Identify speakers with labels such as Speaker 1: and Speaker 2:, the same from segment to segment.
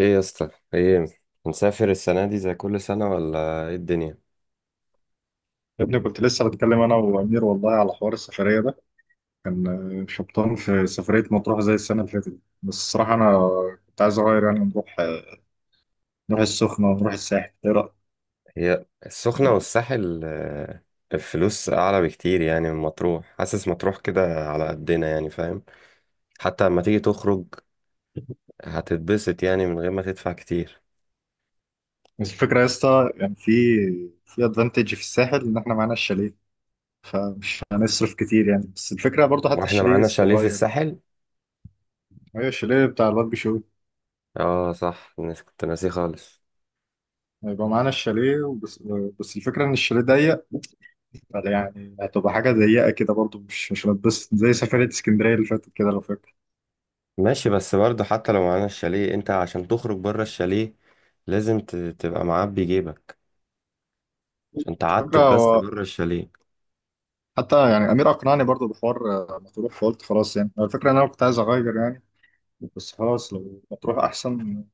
Speaker 1: ايه يا اسطى ايه؟ هنسافر السنة دي زي كل سنة، ولا ايه الدنيا؟
Speaker 2: يا ابني، كنت لسه بتكلم انا وامير والله على حوار السفريه ده. كان شبطان في سفريه مطروح زي السنه اللي فاتت دي. بس الصراحه انا كنت عايز اغير، يعني نروح السخنه ونروح الساحل. ايه رايك؟
Speaker 1: هي السخنة والساحل، الفلوس أعلى بكتير يعني من مطروح. حاسس مطروح كده على قدنا يعني، فاهم؟ حتى لما تيجي تخرج هتتبسط يعني من غير ما تدفع كتير.
Speaker 2: بس الفكره يا اسطى، يعني في ادفانتج في الساحل ان احنا معانا الشاليه، فمش هنصرف كتير يعني. بس الفكره برضو حتى
Speaker 1: واحنا
Speaker 2: الشاليه
Speaker 1: معانا شاليه في
Speaker 2: صغير.
Speaker 1: الساحل.
Speaker 2: هي الشاليه بتاع الواد بيشو.
Speaker 1: اه صح، كنت ناسيه خالص.
Speaker 2: هيبقى معانا الشاليه وبس. بس الفكره ان الشاليه ضيق، يعني هتبقى حاجه ضيقه كده برضو. مش هنتبسط زي سفريه اسكندريه اللي فاتت كده لو فاكر.
Speaker 1: ماشي بس برضه، حتى لو معانا الشاليه انت عشان تخرج بره الشاليه لازم تبقى معبي جيبك عشان
Speaker 2: الفكرة
Speaker 1: تعتب بس
Speaker 2: هو
Speaker 1: بره الشاليه.
Speaker 2: حتى يعني أمير أقنعني برضو بحوار مطروح. فقلت خلاص يعني هو الفكرة إن أنا كنت عايز أغير يعني. بس خلاص لو مطروح أحسن.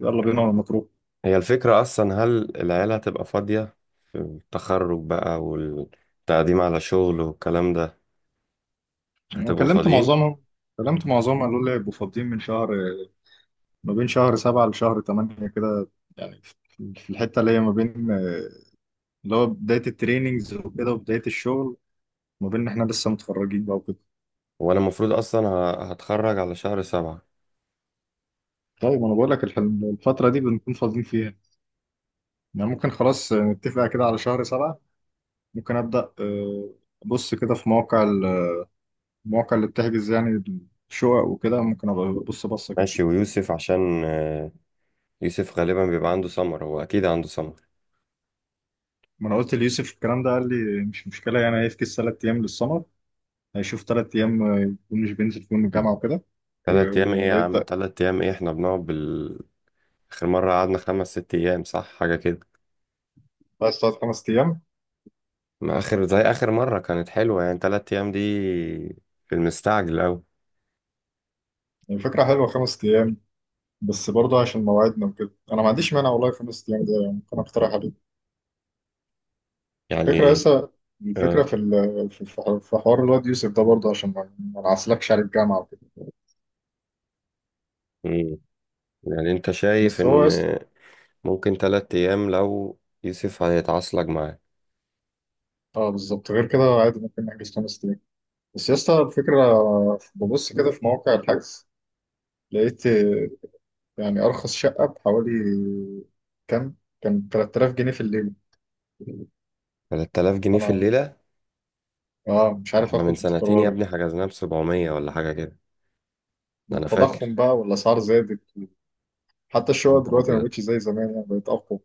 Speaker 2: يلا بينا على مطروح.
Speaker 1: هي الفكرة أصلا، هل العيلة هتبقى فاضية في التخرج بقى والتقديم على شغل والكلام ده؟
Speaker 2: أنا
Speaker 1: هتبقوا
Speaker 2: كلمت
Speaker 1: فاضيين؟
Speaker 2: معظمهم كلمت معظمهم، قالوا لي يبقوا فاضيين من شهر. ما بين شهر 7 لشهر تمانية كده. يعني في الحتة اللي هي ما بين اللي هو بداية التريننجز وكده وبداية الشغل. ما بين إن إحنا لسه متخرجين بقى وكده.
Speaker 1: وأنا المفروض أصلا هتخرج على شهر 7.
Speaker 2: طيب أنا بقول لك الفترة دي بنكون فاضيين فيها. يعني ممكن خلاص، نتفق كده على شهر 7. ممكن أبدأ أبص كده في مواقع المواقع اللي بتحجز يعني الشقق وكده. ممكن أبقى أبص بصة كده.
Speaker 1: ماشي، ويوسف عشان آه، يوسف غالبا بيبقى عنده سمر، هو أكيد عنده سمر.
Speaker 2: ما أنا قلت ليوسف الكلام ده، قال لي مش مشكلة. يعني هيفكس 3 أيام للسمر. هيشوف 3 أيام، يكون مش بينزل فيهم الجامعة وكده.
Speaker 1: تلات أيام إيه يا عم؟
Speaker 2: وهيبدأ.
Speaker 1: 3 أيام إيه؟ إحنا بنقعد بال... آخر مرة قعدنا 5 ست أيام، صح؟ حاجة كده.
Speaker 2: بس 3، 5 أيام.
Speaker 1: ما آخر، زي آخر مرة كانت حلوة، يعني 3 أيام دي في المستعجل أوي.
Speaker 2: يعني فكرة حلوة، 5 أيام. بس برضه عشان مواعيدنا وكده أنا ما عنديش مانع والله. 5 أيام ده يعني ممكن أقترح عليه. فكرة
Speaker 1: يعني
Speaker 2: لسه. الفكرة
Speaker 1: آه،
Speaker 2: في ال- في في- حوار في حوار الواد يوسف ده، برضه عشان ما نعسلكش على الجامعة وكده.
Speaker 1: مم. يعني انت شايف
Speaker 2: بس هو
Speaker 1: ان
Speaker 2: لسه.
Speaker 1: ممكن 3 أيام لو يوسف هيتعصلك معاه.
Speaker 2: اه بالظبط. غير كده عادي ممكن نحجز 5 ايام. بس يا اسطى الفكره، ببص كده في مواقع الحجز. لقيت يعني ارخص شقه بحوالي كام؟ كان 3000 جنيه في الليل.
Speaker 1: 3000 جنيه في
Speaker 2: فانا
Speaker 1: الليلة؟
Speaker 2: اه مش عارف
Speaker 1: احنا من
Speaker 2: اخد
Speaker 1: سنتين يا
Speaker 2: قرار يعني.
Speaker 1: ابني حجزناه ب700 ولا حاجة كده. ده
Speaker 2: من
Speaker 1: أنا
Speaker 2: التضخم
Speaker 1: فاكر.
Speaker 2: بقى والاسعار زادت. حتى
Speaker 1: يا
Speaker 2: الشقق
Speaker 1: نهار
Speaker 2: دلوقتي ما
Speaker 1: أبيض.
Speaker 2: بقتش زي زمان، يعني بقت اقوى.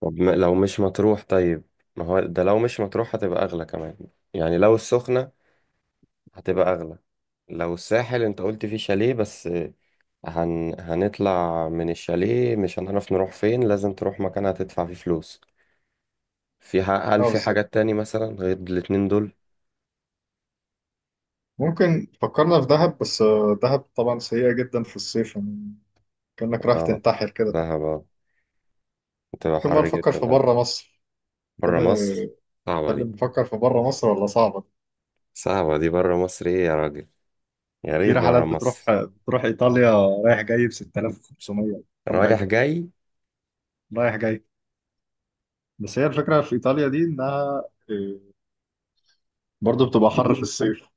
Speaker 1: طب لو مش مطروح طيب، ما هو ده لو مش مطروح هتبقى أغلى كمان. يعني لو السخنة هتبقى أغلى. لو الساحل أنت قلت فيه شاليه بس، هنطلع من الشاليه مش هنعرف نروح فين، لازم تروح مكان هتدفع فيه فلوس. في هل
Speaker 2: اه
Speaker 1: في
Speaker 2: بالظبط.
Speaker 1: حاجات تاني مثلا غير الاتنين دول؟
Speaker 2: ممكن فكرنا في دهب، بس دهب طبعا سيئه جدا في الصيف يعني. كانك رايح
Speaker 1: اه،
Speaker 2: تنتحر كده.
Speaker 1: دهب اه، بتبقى
Speaker 2: ممكن بقى
Speaker 1: حر
Speaker 2: نفكر
Speaker 1: جدا
Speaker 2: في
Speaker 1: آه.
Speaker 2: بره مصر. تحب
Speaker 1: بره مصر؟ صعبة
Speaker 2: تحب
Speaker 1: دي.
Speaker 2: نفكر في بره مصر ولا صعبه؟
Speaker 1: صعبة دي، بره مصر ايه يا راجل؟ يا
Speaker 2: في
Speaker 1: ريت
Speaker 2: رحلات
Speaker 1: بره
Speaker 2: بتروح
Speaker 1: مصر.
Speaker 2: بتروح ايطاليا، رايح جاي ب 6500. كم
Speaker 1: رايح
Speaker 2: حلوه.
Speaker 1: جاي.
Speaker 2: رايح جاي. بس هي الفكره في ايطاليا دي، انها إيه، برضو بتبقى حر في الصيف.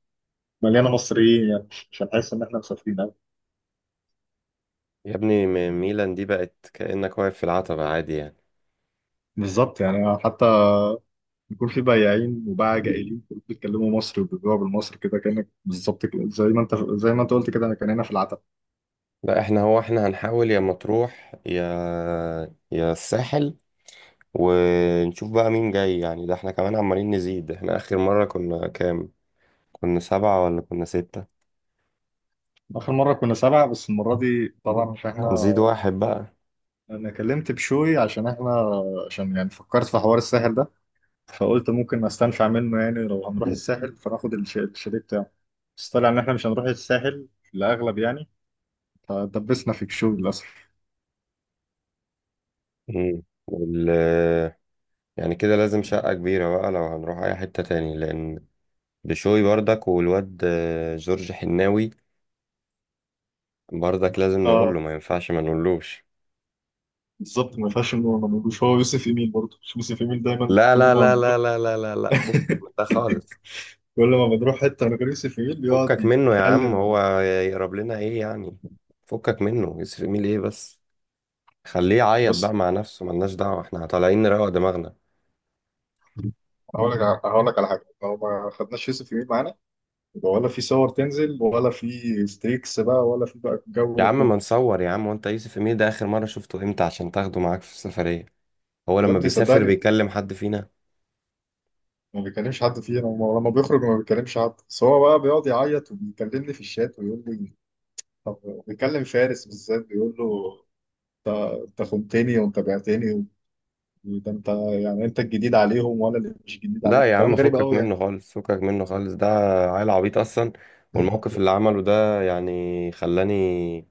Speaker 2: مليانه مصريين، يعني مش هنحس ان احنا مسافرين قوي.
Speaker 1: يا ابني ميلان دي بقت كأنك واقف في العتبة عادي يعني.
Speaker 2: بالظبط يعني، حتى بيكون في بياعين وباعة جائلين كلهم بيتكلموا مصري وبيبيعوا بالمصري كده، كانك بالظبط كده زي ما انت قلت كده. انا كان هنا في العتب.
Speaker 1: لا احنا، هو احنا هنحاول يا مطروح يا الساحل، ونشوف بقى مين جاي. يعني ده احنا كمان عمالين نزيد، احنا آخر مرة كنا كام؟ كنا سبعة ولا كنا ستة؟
Speaker 2: اخر مره كنا 7، بس المره دي طبعا مش احنا.
Speaker 1: هنزيد واحد بقى.
Speaker 2: انا كلمت بشوي عشان احنا، عشان يعني فكرت في حوار الساحل ده. فقلت ممكن استنفع منه، يعني لو هنروح الساحل فناخد الشاليه بتاعه. بس طلع ان احنا مش هنروح الساحل، الاغلب يعني. فدبسنا في الشغل للاسف.
Speaker 1: مم. وال... يعني كده لازم شقة كبيرة بقى لو هنروح أي حتة تاني، لأن بشوي بردك والواد جورج حناوي بردك لازم نقول له.
Speaker 2: اه
Speaker 1: ما ينفعش ما نقولوش؟
Speaker 2: بالظبط. ما ينفعش انه ما نقولوش. هو يوسف ايميل برضه، مش يوسف ايميل دايما
Speaker 1: لا
Speaker 2: كل
Speaker 1: لا
Speaker 2: ما
Speaker 1: لا لا
Speaker 2: بنروح
Speaker 1: لا لا لا لا، فكك من ده خالص.
Speaker 2: كل ما بنروح حته من غير يوسف ايميل يقعد
Speaker 1: فكك منه يا عم،
Speaker 2: يتكلم.
Speaker 1: هو يقرب لنا ايه يعني؟ فكك منه، يسرق ميل ايه بس؟ خليه يعيط
Speaker 2: بص،
Speaker 1: بقى مع نفسه، ملناش دعوة، احنا طالعين نروق دماغنا.
Speaker 2: هقول لك على حاجه. لو ما خدناش يوسف ايميل معانا، يبقى ولا في صور تنزل ولا في ستريكس بقى، ولا في بقى الجو
Speaker 1: يا
Speaker 2: ده
Speaker 1: عم ما
Speaker 2: كله.
Speaker 1: نصور يا عم، وانت يوسف امير ده اخر مرة شفته امتى عشان تاخده معاك في السفرية؟ هو
Speaker 2: يا
Speaker 1: لما
Speaker 2: ابني
Speaker 1: بيسافر
Speaker 2: صدقني،
Speaker 1: بيكلم حد فينا؟
Speaker 2: ما بيكلمش حد فينا ولما بيخرج ما بيكلمش حد. بس هو بقى بيقعد يعيط وبيكلمني في الشات ويقول لي. طب، بيكلم فارس بالذات، بيقول له: انت انت خنتني وانت بعتني. وده انت، يعني انت الجديد عليهم وانا اللي مش جديد
Speaker 1: لا
Speaker 2: عليهم.
Speaker 1: يا
Speaker 2: كلام
Speaker 1: عم،
Speaker 2: غريب
Speaker 1: فكك
Speaker 2: قوي يعني.
Speaker 1: منه خالص، فكك منه خالص، ده عيل عبيط اصلا. والموقف اللي عمله ده يعني خلاني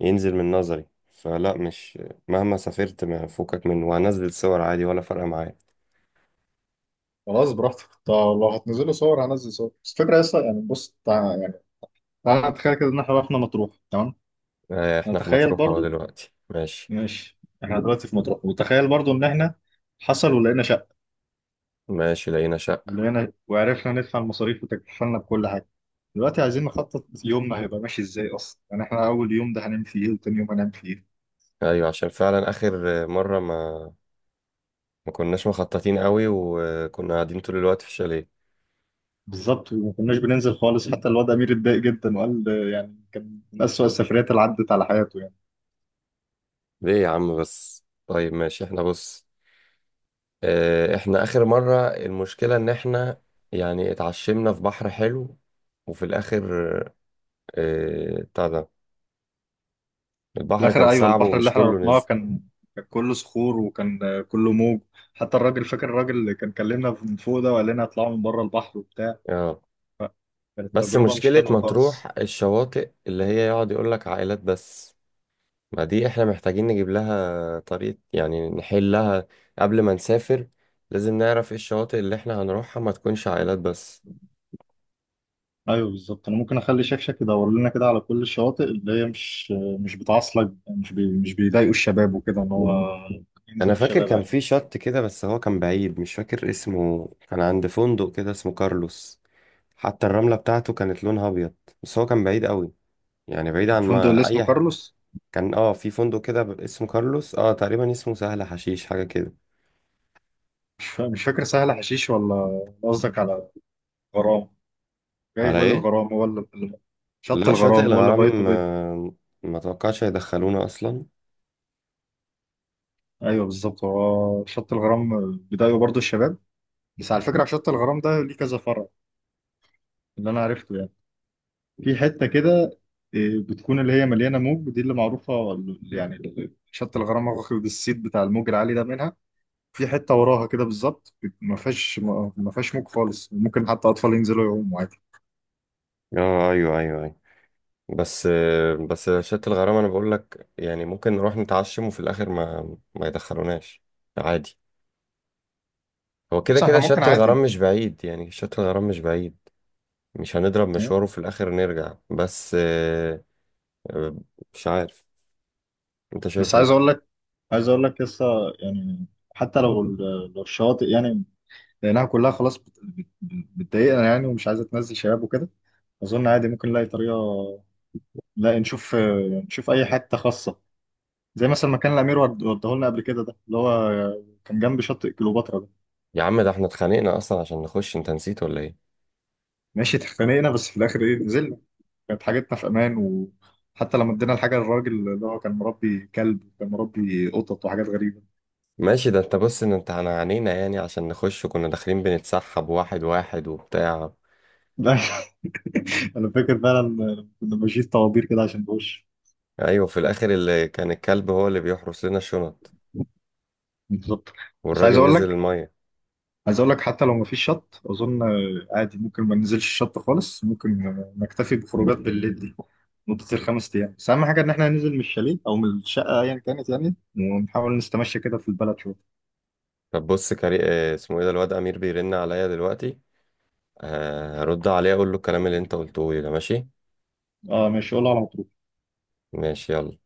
Speaker 1: ينزل من نظري، فلا مش مهما سافرت ما فكك منه، وهنزل صور عادي، ولا فارقه معايا.
Speaker 2: خلاص براحتك طب. لو هتنزلوا صور هنزل صور. بس الفكره اصلا، يعني بص يعني تعالى نتخيل كده ان احنا رحنا مطروح، تمام.
Speaker 1: احنا في
Speaker 2: نتخيل
Speaker 1: مطروح اهو
Speaker 2: برضو،
Speaker 1: دلوقتي، ماشي.
Speaker 2: ماشي. احنا دلوقتي في مطروح، وتخيل برضو ان احنا حصل ولقينا شقه،
Speaker 1: ماشي، لقينا شقه.
Speaker 2: ولقينا وعرفنا ندفع المصاريف وتكفلنا بكل حاجة. دلوقتي عايزين نخطط يومنا هيبقى ماشي ازاي اصلا. يعني احنا اول يوم ده هنعمل فيه ايه، وتاني يوم هنعمل فيه ايه؟
Speaker 1: ايوه، عشان فعلا اخر مره ما كناش مخططين قوي، وكنا قاعدين طول الوقت في الشاليه.
Speaker 2: بالظبط. وما كناش بننزل خالص، حتى الواد امير اتضايق جدا وقال يعني كان من اسوأ السفريات اللي عدت على حياته يعني.
Speaker 1: ليه يا عم؟ بس طيب ماشي احنا بص، احنا اخر مرة المشكلة ان احنا يعني اتعشمنا في بحر حلو، وفي الاخر بتاع ده
Speaker 2: في
Speaker 1: البحر كان
Speaker 2: الاخر، ايوه،
Speaker 1: صعب
Speaker 2: البحر اللي
Speaker 1: ومش
Speaker 2: احنا
Speaker 1: كله
Speaker 2: رحناه
Speaker 1: نزل.
Speaker 2: كان كله صخور، وكان كله موج. حتى الراجل، فاكر الراجل اللي كان كلمنا من فوق ده وقال لنا اطلعوا من بره البحر وبتاع.
Speaker 1: اه
Speaker 2: كانت
Speaker 1: بس
Speaker 2: تجربة مش
Speaker 1: مشكلة
Speaker 2: حلوة
Speaker 1: مطروح
Speaker 2: خالص.
Speaker 1: الشواطئ اللي هي يقعد يقول لك عائلات بس، ما دي احنا محتاجين نجيب لها طريقة يعني نحلها قبل ما نسافر. لازم نعرف ايه الشواطئ اللي احنا هنروحها ما تكونش عائلات بس.
Speaker 2: ايوه بالظبط. انا ممكن اخلي شكشك يدور لنا كده على كل الشواطئ اللي هي مش بتعصلك، مش بيضايقوا الشباب وكده، ان هو
Speaker 1: انا
Speaker 2: ينزلوا
Speaker 1: فاكر
Speaker 2: شباب
Speaker 1: كان في
Speaker 2: عادي.
Speaker 1: شط كده بس هو كان بعيد، مش فاكر اسمه، كان عند فندق كده اسمه كارلوس. حتى الرملة بتاعته كانت لونها أبيض، بس هو كان بعيد قوي يعني، بعيد عن
Speaker 2: الفندق اللي
Speaker 1: ما
Speaker 2: اسمه
Speaker 1: أي
Speaker 2: كارلوس؟
Speaker 1: كان اه في فندق كده اسمه كارلوس، اه تقريبا اسمه سهل حشيش حاجة كده.
Speaker 2: مش فاكر. سهل حشيش ولا قصدك على غرام؟ جاي في
Speaker 1: على
Speaker 2: بالي
Speaker 1: ايه؟
Speaker 2: الغرام، هو شط
Speaker 1: لا شاطئ
Speaker 2: الغرام هو اللي بيته
Speaker 1: الغرام،
Speaker 2: بيض.
Speaker 1: ما توقعش هيدخلونا أصلا.
Speaker 2: ايوه بالظبط، هو شط الغرام بيضايقوا برضو الشباب. بس على فكره شط الغرام ده ليه كذا فرع، اللي انا عرفته يعني. في حتة كده، بتكون اللي هي مليانة موج. دي اللي معروفة، شط الغرام واخد الصيت بتاع الموج العالي ده منها. في حتة وراها كده بالظبط ما فيهاش موج خالص. ممكن حتى أطفال ينزلوا يعوموا عادي.
Speaker 1: اه أيوه أيوه أيوه. بس شاطئ الغرام أنا بقول لك، يعني ممكن نروح نتعشم وفي الآخر ما يدخلوناش، عادي. هو كده
Speaker 2: بس احنا
Speaker 1: كده
Speaker 2: ممكن
Speaker 1: شاطئ الغرام
Speaker 2: عادي.
Speaker 1: مش بعيد، يعني شاطئ الغرام مش بعيد. مش هنضرب مشواره في الآخر نرجع، بس آه، مش عارف انت
Speaker 2: بس
Speaker 1: شايف
Speaker 2: عايز
Speaker 1: ايه.
Speaker 2: أقول لك عايز أقول لك لسه، يعني حتى لو لو الشواطئ، يعني لأنها كلها خلاص بتضايقنا يعني، ومش عايزة تنزل شباب وكده. أظن عادي ممكن نلاقي طريقة. لا، نشوف أي حتة خاصة، زي مثلا ما كان الامير وداه لنا قبل كده، ده اللي هو كان جنب شاطئ كليوباترا ده.
Speaker 1: يا عم ده احنا اتخانقنا اصلا عشان نخش، انت نسيت ولا ايه؟
Speaker 2: ماشي اتخانقنا، بس في الاخر ايه، نزلنا. كانت حاجتنا في امان. وحتى لما ادينا الحاجه للراجل اللي هو كان مربي كلب وكان مربي قطط وحاجات غريبه.
Speaker 1: ماشي، ده انت بص ان انت انا عانينا يعني عشان نخش، وكنا داخلين بنتسحب واحد واحد وبتاع.
Speaker 2: لا، انا فاكر فعلا، كنا ماشيين طوابير كده عشان نخش.
Speaker 1: ايوه، في الاخر اللي كان الكلب هو اللي بيحرس لنا الشنط،
Speaker 2: بالظبط. بس عايز
Speaker 1: والراجل
Speaker 2: اقول
Speaker 1: نزل
Speaker 2: لك
Speaker 1: الميه.
Speaker 2: عايز اقول لك حتى لو مفيش شط، اظن عادي ممكن ما ننزلش الشط خالص. ممكن نكتفي بخروجات بالليل دي، مدة الخمس ايام. بس اهم حاجة ان احنا ننزل من الشاليه او من الشقة ايا كانت، يعني ونحاول نستمشى كده في البلد شوية.
Speaker 1: طب بص كري اسمه ايه ده؟ الواد امير بيرن عليا دلوقتي، اه، هرد عليه اقول له الكلام اللي انت قلته لي ده، ماشي؟
Speaker 2: اه ماشي، قول على مطروح.
Speaker 1: ماشي يلا.